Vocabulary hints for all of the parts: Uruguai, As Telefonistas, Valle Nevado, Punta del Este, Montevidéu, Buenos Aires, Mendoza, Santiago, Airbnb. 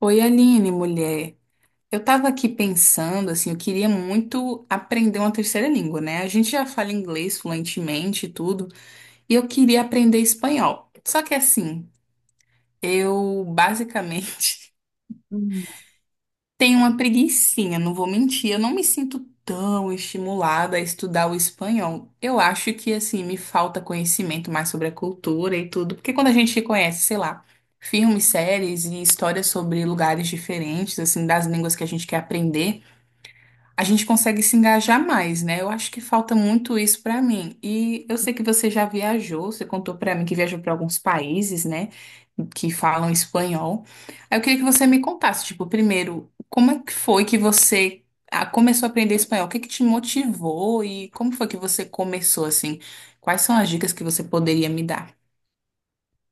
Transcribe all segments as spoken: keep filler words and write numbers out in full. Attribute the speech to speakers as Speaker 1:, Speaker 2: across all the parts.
Speaker 1: Oi, Aline, mulher. Eu tava aqui pensando, assim, eu queria muito aprender uma terceira língua, né? A gente já fala inglês fluentemente e tudo, e eu queria aprender espanhol. Só que assim, eu basicamente
Speaker 2: Hum.
Speaker 1: tenho uma preguicinha, não vou mentir, eu não me sinto tão estimulada a estudar o espanhol. Eu acho que, assim, me falta conhecimento mais sobre a cultura e tudo, porque quando a gente conhece, sei lá, filmes, séries e histórias sobre lugares diferentes, assim, das línguas que a gente quer aprender. A gente consegue se engajar mais, né? Eu acho que falta muito isso pra mim. E eu sei que você já viajou, você contou pra mim que viajou pra alguns países, né, que falam espanhol. Aí eu queria que você me contasse, tipo, primeiro, como é que foi que você ah, começou a aprender espanhol? O que que te motivou e como foi que você começou assim? Quais são as dicas que você poderia me dar?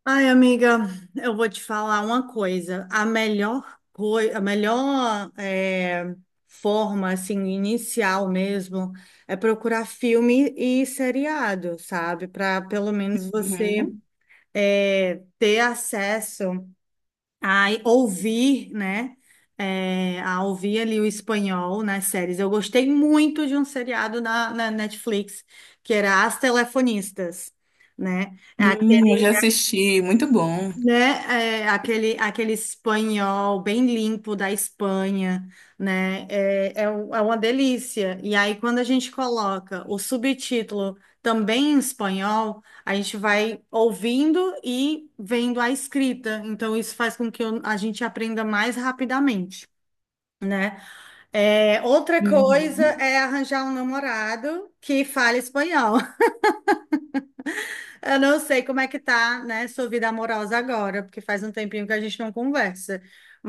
Speaker 2: Ai, amiga, eu vou te falar uma coisa. A melhor coisa, a melhor eh, forma, assim, inicial mesmo, é procurar filme e seriado, sabe? Para pelo menos você
Speaker 1: Uhum.
Speaker 2: eh, ter acesso a ouvir, né? Eh, a ouvir ali o espanhol nas séries. Eu gostei muito de um seriado na, na Netflix, que era As Telefonistas. né?
Speaker 1: Hum, eu já assisti, muito bom.
Speaker 2: né? É, aquele, aquele espanhol bem limpo da Espanha, né? É, é, um- é uma delícia. E aí, quando a gente coloca o subtítulo também em espanhol, a gente vai ouvindo e vendo a escrita. Então, isso faz com que eu- a gente aprenda mais rapidamente. É, outra coisa
Speaker 1: Uhum.
Speaker 2: é arranjar um namorado que fale espanhol. Eu não sei como é que tá, né, sua vida amorosa agora, porque faz um tempinho que a gente não conversa.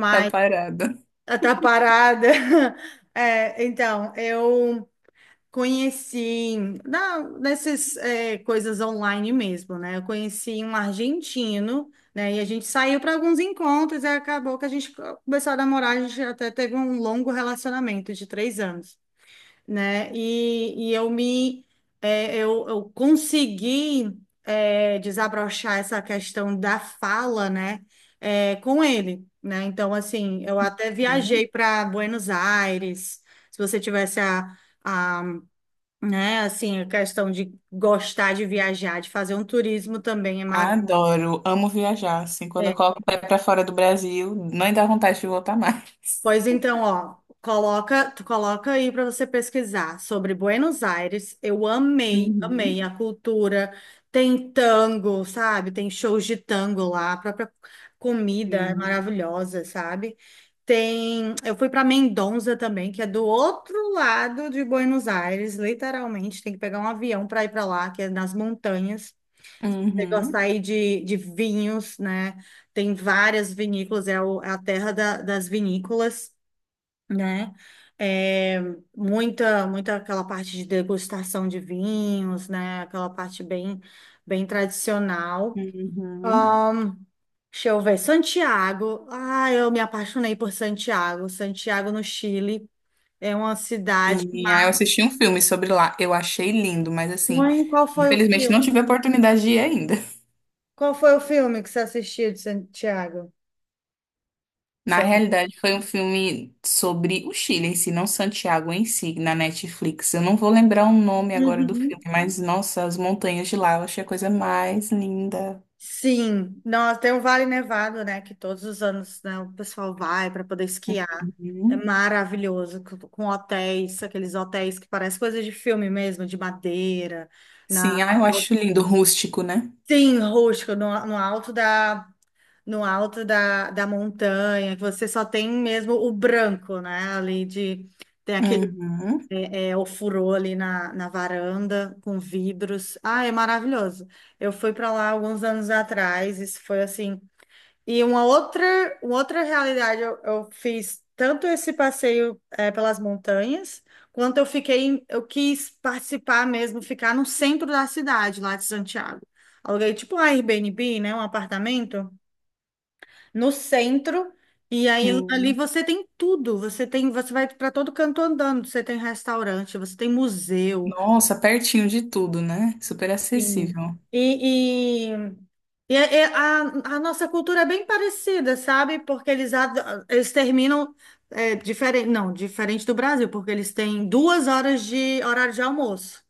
Speaker 1: Tá parada.
Speaker 2: Ah, tá parada. É, então, eu conheci na, nessas é, coisas online mesmo, né? Eu conheci um argentino, né? E a gente saiu para alguns encontros e acabou que a gente começou a namorar. A gente até teve um longo relacionamento de três anos, né? E, e eu me é, eu, eu consegui, é, desabrochar essa questão da fala, né? É, com ele, né? Então, assim, eu até viajei para Buenos Aires. Se você tivesse a, a, né, assim, a questão de gostar de viajar, de fazer um turismo também é maravilhoso.
Speaker 1: Adoro, amo viajar. Assim, quando eu coloco o pé pra fora do Brasil, não dá vontade de voltar mais.
Speaker 2: Pois então, ó, coloca, tu coloca aí para você pesquisar sobre Buenos Aires. Eu amei,
Speaker 1: Uhum.
Speaker 2: amei a cultura. Tem tango, sabe? Tem shows de tango lá, a própria comida é
Speaker 1: Sim.
Speaker 2: maravilhosa, sabe? Tem, eu fui para Mendoza também, que é do outro lado de Buenos Aires, literalmente, tem que pegar um avião para ir para lá, que é nas montanhas. Você gostar
Speaker 1: Uhum,
Speaker 2: aí de, de vinhos, né? Tem várias vinícolas, é, o- é a terra da- das vinícolas, né? É, muita, muita aquela parte de degustação de vinhos, né? Aquela parte bem, bem tradicional.
Speaker 1: uhum.
Speaker 2: Ahn, Deixa eu ver, Santiago. Ah, eu me apaixonei por Santiago. Santiago, no Chile, é uma cidade.
Speaker 1: E aí eu assisti um filme sobre lá. Eu achei lindo, mas assim,
Speaker 2: Mãe, qual foi o
Speaker 1: infelizmente não
Speaker 2: filme?
Speaker 1: tive a oportunidade de ir ainda.
Speaker 2: Qual foi o filme que você assistiu de Santiago?
Speaker 1: Na
Speaker 2: Seu-
Speaker 1: realidade, foi um filme sobre o Chile em si, não Santiago em si, na Netflix. Eu não vou lembrar o nome agora do filme,
Speaker 2: Uhum.
Speaker 1: mas nossa, as montanhas de lá, eu achei a coisa mais linda.
Speaker 2: Sim, nós tem o Vale Nevado, né? Que todos os anos, né, o pessoal vai para poder esquiar. É
Speaker 1: Uhum.
Speaker 2: maravilhoso, com com hotéis, aqueles hotéis que parecem coisas de filme mesmo, de madeira, na
Speaker 1: Sim, ah, eu acho lindo, rústico, né?
Speaker 2: sim, rústico, no, no alto da no alto da, da montanha, que você só tem mesmo o branco, né? Ali de Tem aquele,
Speaker 1: Uhum,
Speaker 2: é, ofurô ali na, na varanda com vidros. Ah, é maravilhoso. Eu fui para lá alguns anos atrás, isso foi assim. E uma outra, uma outra realidade, eu, eu fiz tanto esse passeio, eh, pelas montanhas, quanto eu fiquei, em- eu quis participar mesmo, ficar no centro da cidade, lá de Santiago. Aluguei tipo um Airbnb, né, um apartamento, no centro, e aí ali
Speaker 1: sim.
Speaker 2: você tem tudo, você tem, você vai para todo canto andando, você tem restaurante, você tem museu.
Speaker 1: Nossa, pertinho de tudo, né? Super
Speaker 2: Sim.
Speaker 1: acessível.
Speaker 2: E, E é- é- a, a nossa cultura é bem parecida, sabe? Porque eles, ad- eles terminam diferente, não, diferente do Brasil, porque eles têm duas horas de horário de almoço.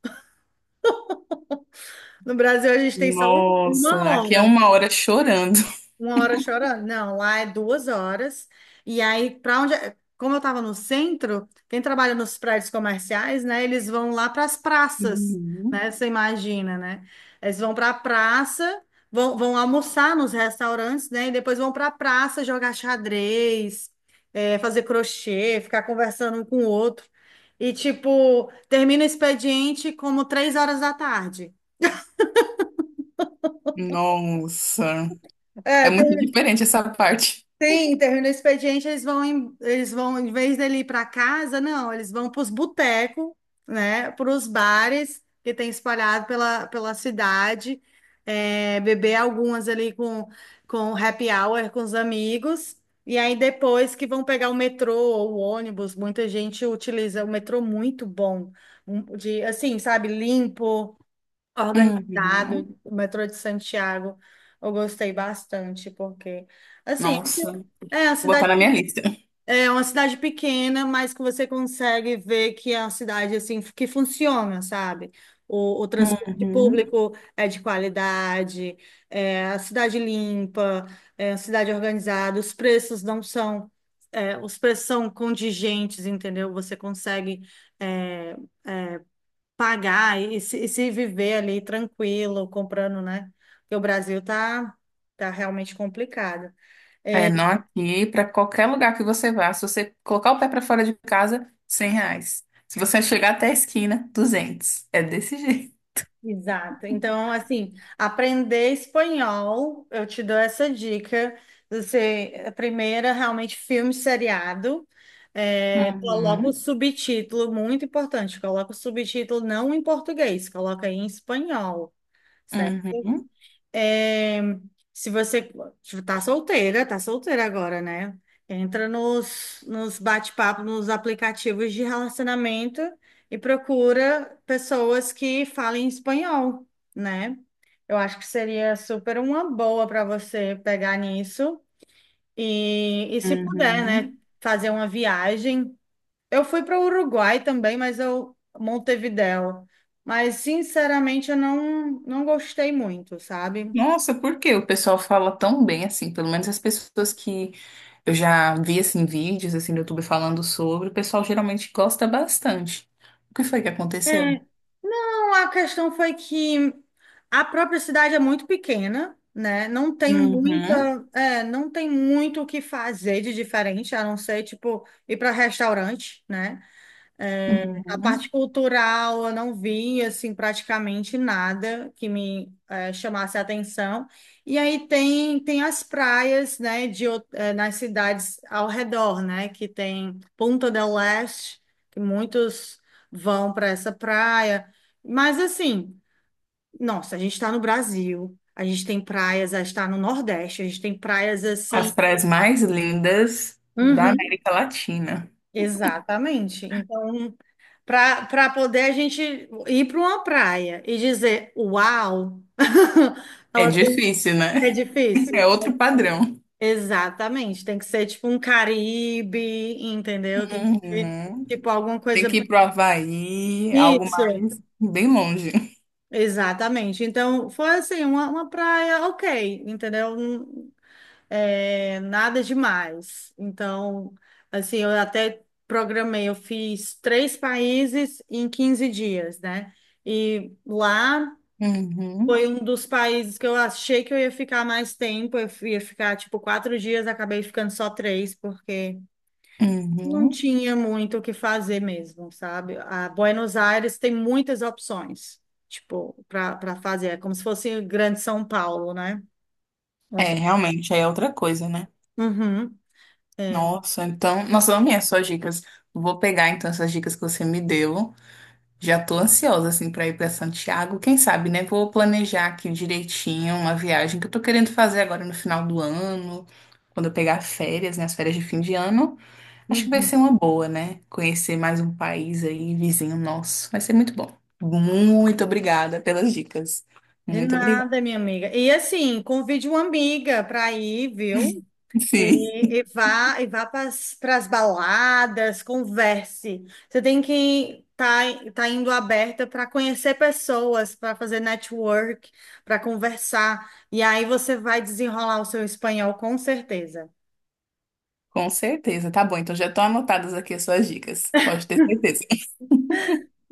Speaker 2: No Brasil, a gente tem só um-
Speaker 1: Nossa,
Speaker 2: uma
Speaker 1: aqui é
Speaker 2: hora,
Speaker 1: uma hora chorando.
Speaker 2: Uma hora chorando? Não, lá é duas horas. E aí, para onde. é, como eu estava no centro, quem trabalha nos prédios comerciais, né? Eles vão lá para as praças,
Speaker 1: Uhum.
Speaker 2: né? Você imagina, né? Eles vão para a praça, vão, vão almoçar nos restaurantes, né? E depois vão para a praça jogar xadrez, eh, fazer crochê, ficar conversando um com o outro. E, tipo, termina o expediente como três horas da tarde.
Speaker 1: Nossa,
Speaker 2: É,
Speaker 1: é muito diferente essa parte.
Speaker 2: sim, termina o expediente, eles vão, em- eles vão, em vez dele ir para casa, não, eles vão para os botecos, né, para os bares que tem espalhado pela, pela cidade, é, beber algumas ali com, com happy hour com os amigos, e aí depois que vão pegar o metrô ou o ônibus, muita gente utiliza o metrô muito bom, um- de, assim, sabe, limpo,
Speaker 1: Uhum.
Speaker 2: organizado, o metrô de Santiago, eu gostei bastante, porque, assim,
Speaker 1: Nossa, vou
Speaker 2: é uma
Speaker 1: botar
Speaker 2: cidade,
Speaker 1: na minha lista.
Speaker 2: é uma cidade pequena, mas que você consegue ver que é uma cidade, assim, que funciona, sabe? O, o transporte
Speaker 1: Uhum.
Speaker 2: público é de qualidade, é a cidade limpa, é a cidade organizada, os preços não são... é, os preços são contingentes, entendeu? Você consegue, é, pagar e se, e se viver ali tranquilo, comprando, né? Porque o Brasil tá, tá realmente complicado.
Speaker 1: É,
Speaker 2: É,
Speaker 1: não aqui, para qualquer lugar que você vá, se você colocar o pé para fora de casa, cem reais. Se você chegar até a esquina, duzentos. É desse jeito.
Speaker 2: exato. Então, assim, aprender espanhol, eu te dou essa dica. Você, a primeira, realmente, filme seriado. É, coloca o
Speaker 1: Uhum.
Speaker 2: subtítulo, muito importante, coloca o subtítulo não em português, coloca aí em espanhol, certo?
Speaker 1: Uhum.
Speaker 2: É, se você tá solteira, tá solteira agora, né? Entra nos, nos bate-papos, nos aplicativos de relacionamento e procura pessoas que falem espanhol, né? Eu acho que seria super uma boa para você pegar nisso e, e se puder, né,
Speaker 1: Uhum.
Speaker 2: fazer uma viagem. Eu fui para o Uruguai também, mas eu Montevidéu. Mas sinceramente eu não não gostei muito, sabe?
Speaker 1: Nossa, por que o pessoal fala tão bem assim? Pelo menos as pessoas que eu já vi assim vídeos assim no YouTube falando sobre, o pessoal geralmente gosta bastante. O que foi que aconteceu?
Speaker 2: É. Não, a questão foi que a própria cidade é muito pequena, né? Não tem
Speaker 1: Uhum,
Speaker 2: muita, é, não tem muito o que fazer de diferente, a não ser, tipo, ir para restaurante, né? A parte
Speaker 1: uhum.
Speaker 2: cultural, eu não vi, assim, praticamente nada que me eh, chamasse a atenção. E aí tem, tem as praias, né, de, ou- eh, nas cidades ao redor, né, que tem Punta del Este, que muitos vão para essa praia. Mas, assim, nossa, a gente está no Brasil, a gente tem praias, a gente está no Nordeste, a gente tem praias, assim...
Speaker 1: As praias mais lindas da
Speaker 2: Uhum,
Speaker 1: América Latina.
Speaker 2: exatamente. Então, para poder a gente ir para uma praia e dizer, uau,
Speaker 1: É
Speaker 2: ela tem que
Speaker 1: difícil,
Speaker 2: ser
Speaker 1: né?
Speaker 2: difícil.
Speaker 1: É outro padrão.
Speaker 2: Exatamente, tem que ser tipo um Caribe, entendeu? Tem que ser
Speaker 1: Uhum.
Speaker 2: tipo alguma
Speaker 1: Tem
Speaker 2: coisa.
Speaker 1: que ir pro Havaí, algo
Speaker 2: Isso,
Speaker 1: mais bem longe.
Speaker 2: exatamente. Então, foi assim, uma, uma praia ok, entendeu? Hum, é, nada demais. Então, assim, eu até programei, eu fiz três países em quinze dias, né? E lá. Foi
Speaker 1: Uhum,
Speaker 2: um dos países que eu achei que eu ia ficar mais tempo. Eu ia ficar, tipo, quatro dias, acabei ficando só três, porque não
Speaker 1: uhum.
Speaker 2: tinha muito o que fazer mesmo, sabe? A Buenos Aires tem muitas opções, tipo, para para fazer. É como se fosse o Grande São Paulo, né?
Speaker 1: É,
Speaker 2: Você-
Speaker 1: realmente, aí é outra coisa, né?
Speaker 2: Uhum, é.
Speaker 1: Nossa, então, nossa, eu amei as suas dicas. Vou pegar então essas dicas que você me deu. Já tô ansiosa assim para ir para Santiago. Quem sabe, né? Vou planejar aqui direitinho uma viagem que eu tô querendo fazer agora no final do ano, quando eu pegar férias, né? As férias de fim de ano. Acho que vai
Speaker 2: Uhum.
Speaker 1: ser uma boa, né? Conhecer mais um país aí, vizinho nosso. Vai ser muito bom. Muito obrigada pelas dicas.
Speaker 2: De
Speaker 1: Muito obrigada.
Speaker 2: nada, minha amiga. E assim, convide uma amiga para ir, viu?
Speaker 1: Sim,
Speaker 2: E, e vá, e vá para as baladas, converse. Você tem que tá, tá indo aberta para conhecer pessoas, para fazer network, para conversar. E aí você vai desenrolar o seu espanhol com certeza.
Speaker 1: com certeza. Tá bom, então já estão anotadas aqui as suas dicas. Pode ter certeza.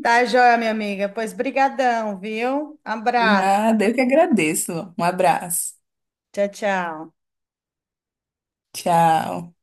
Speaker 2: Tá joia, minha amiga? Pois brigadão, viu? Abraço.
Speaker 1: Nada, eu que agradeço. Um abraço.
Speaker 2: Tchau, tchau.
Speaker 1: Tchau.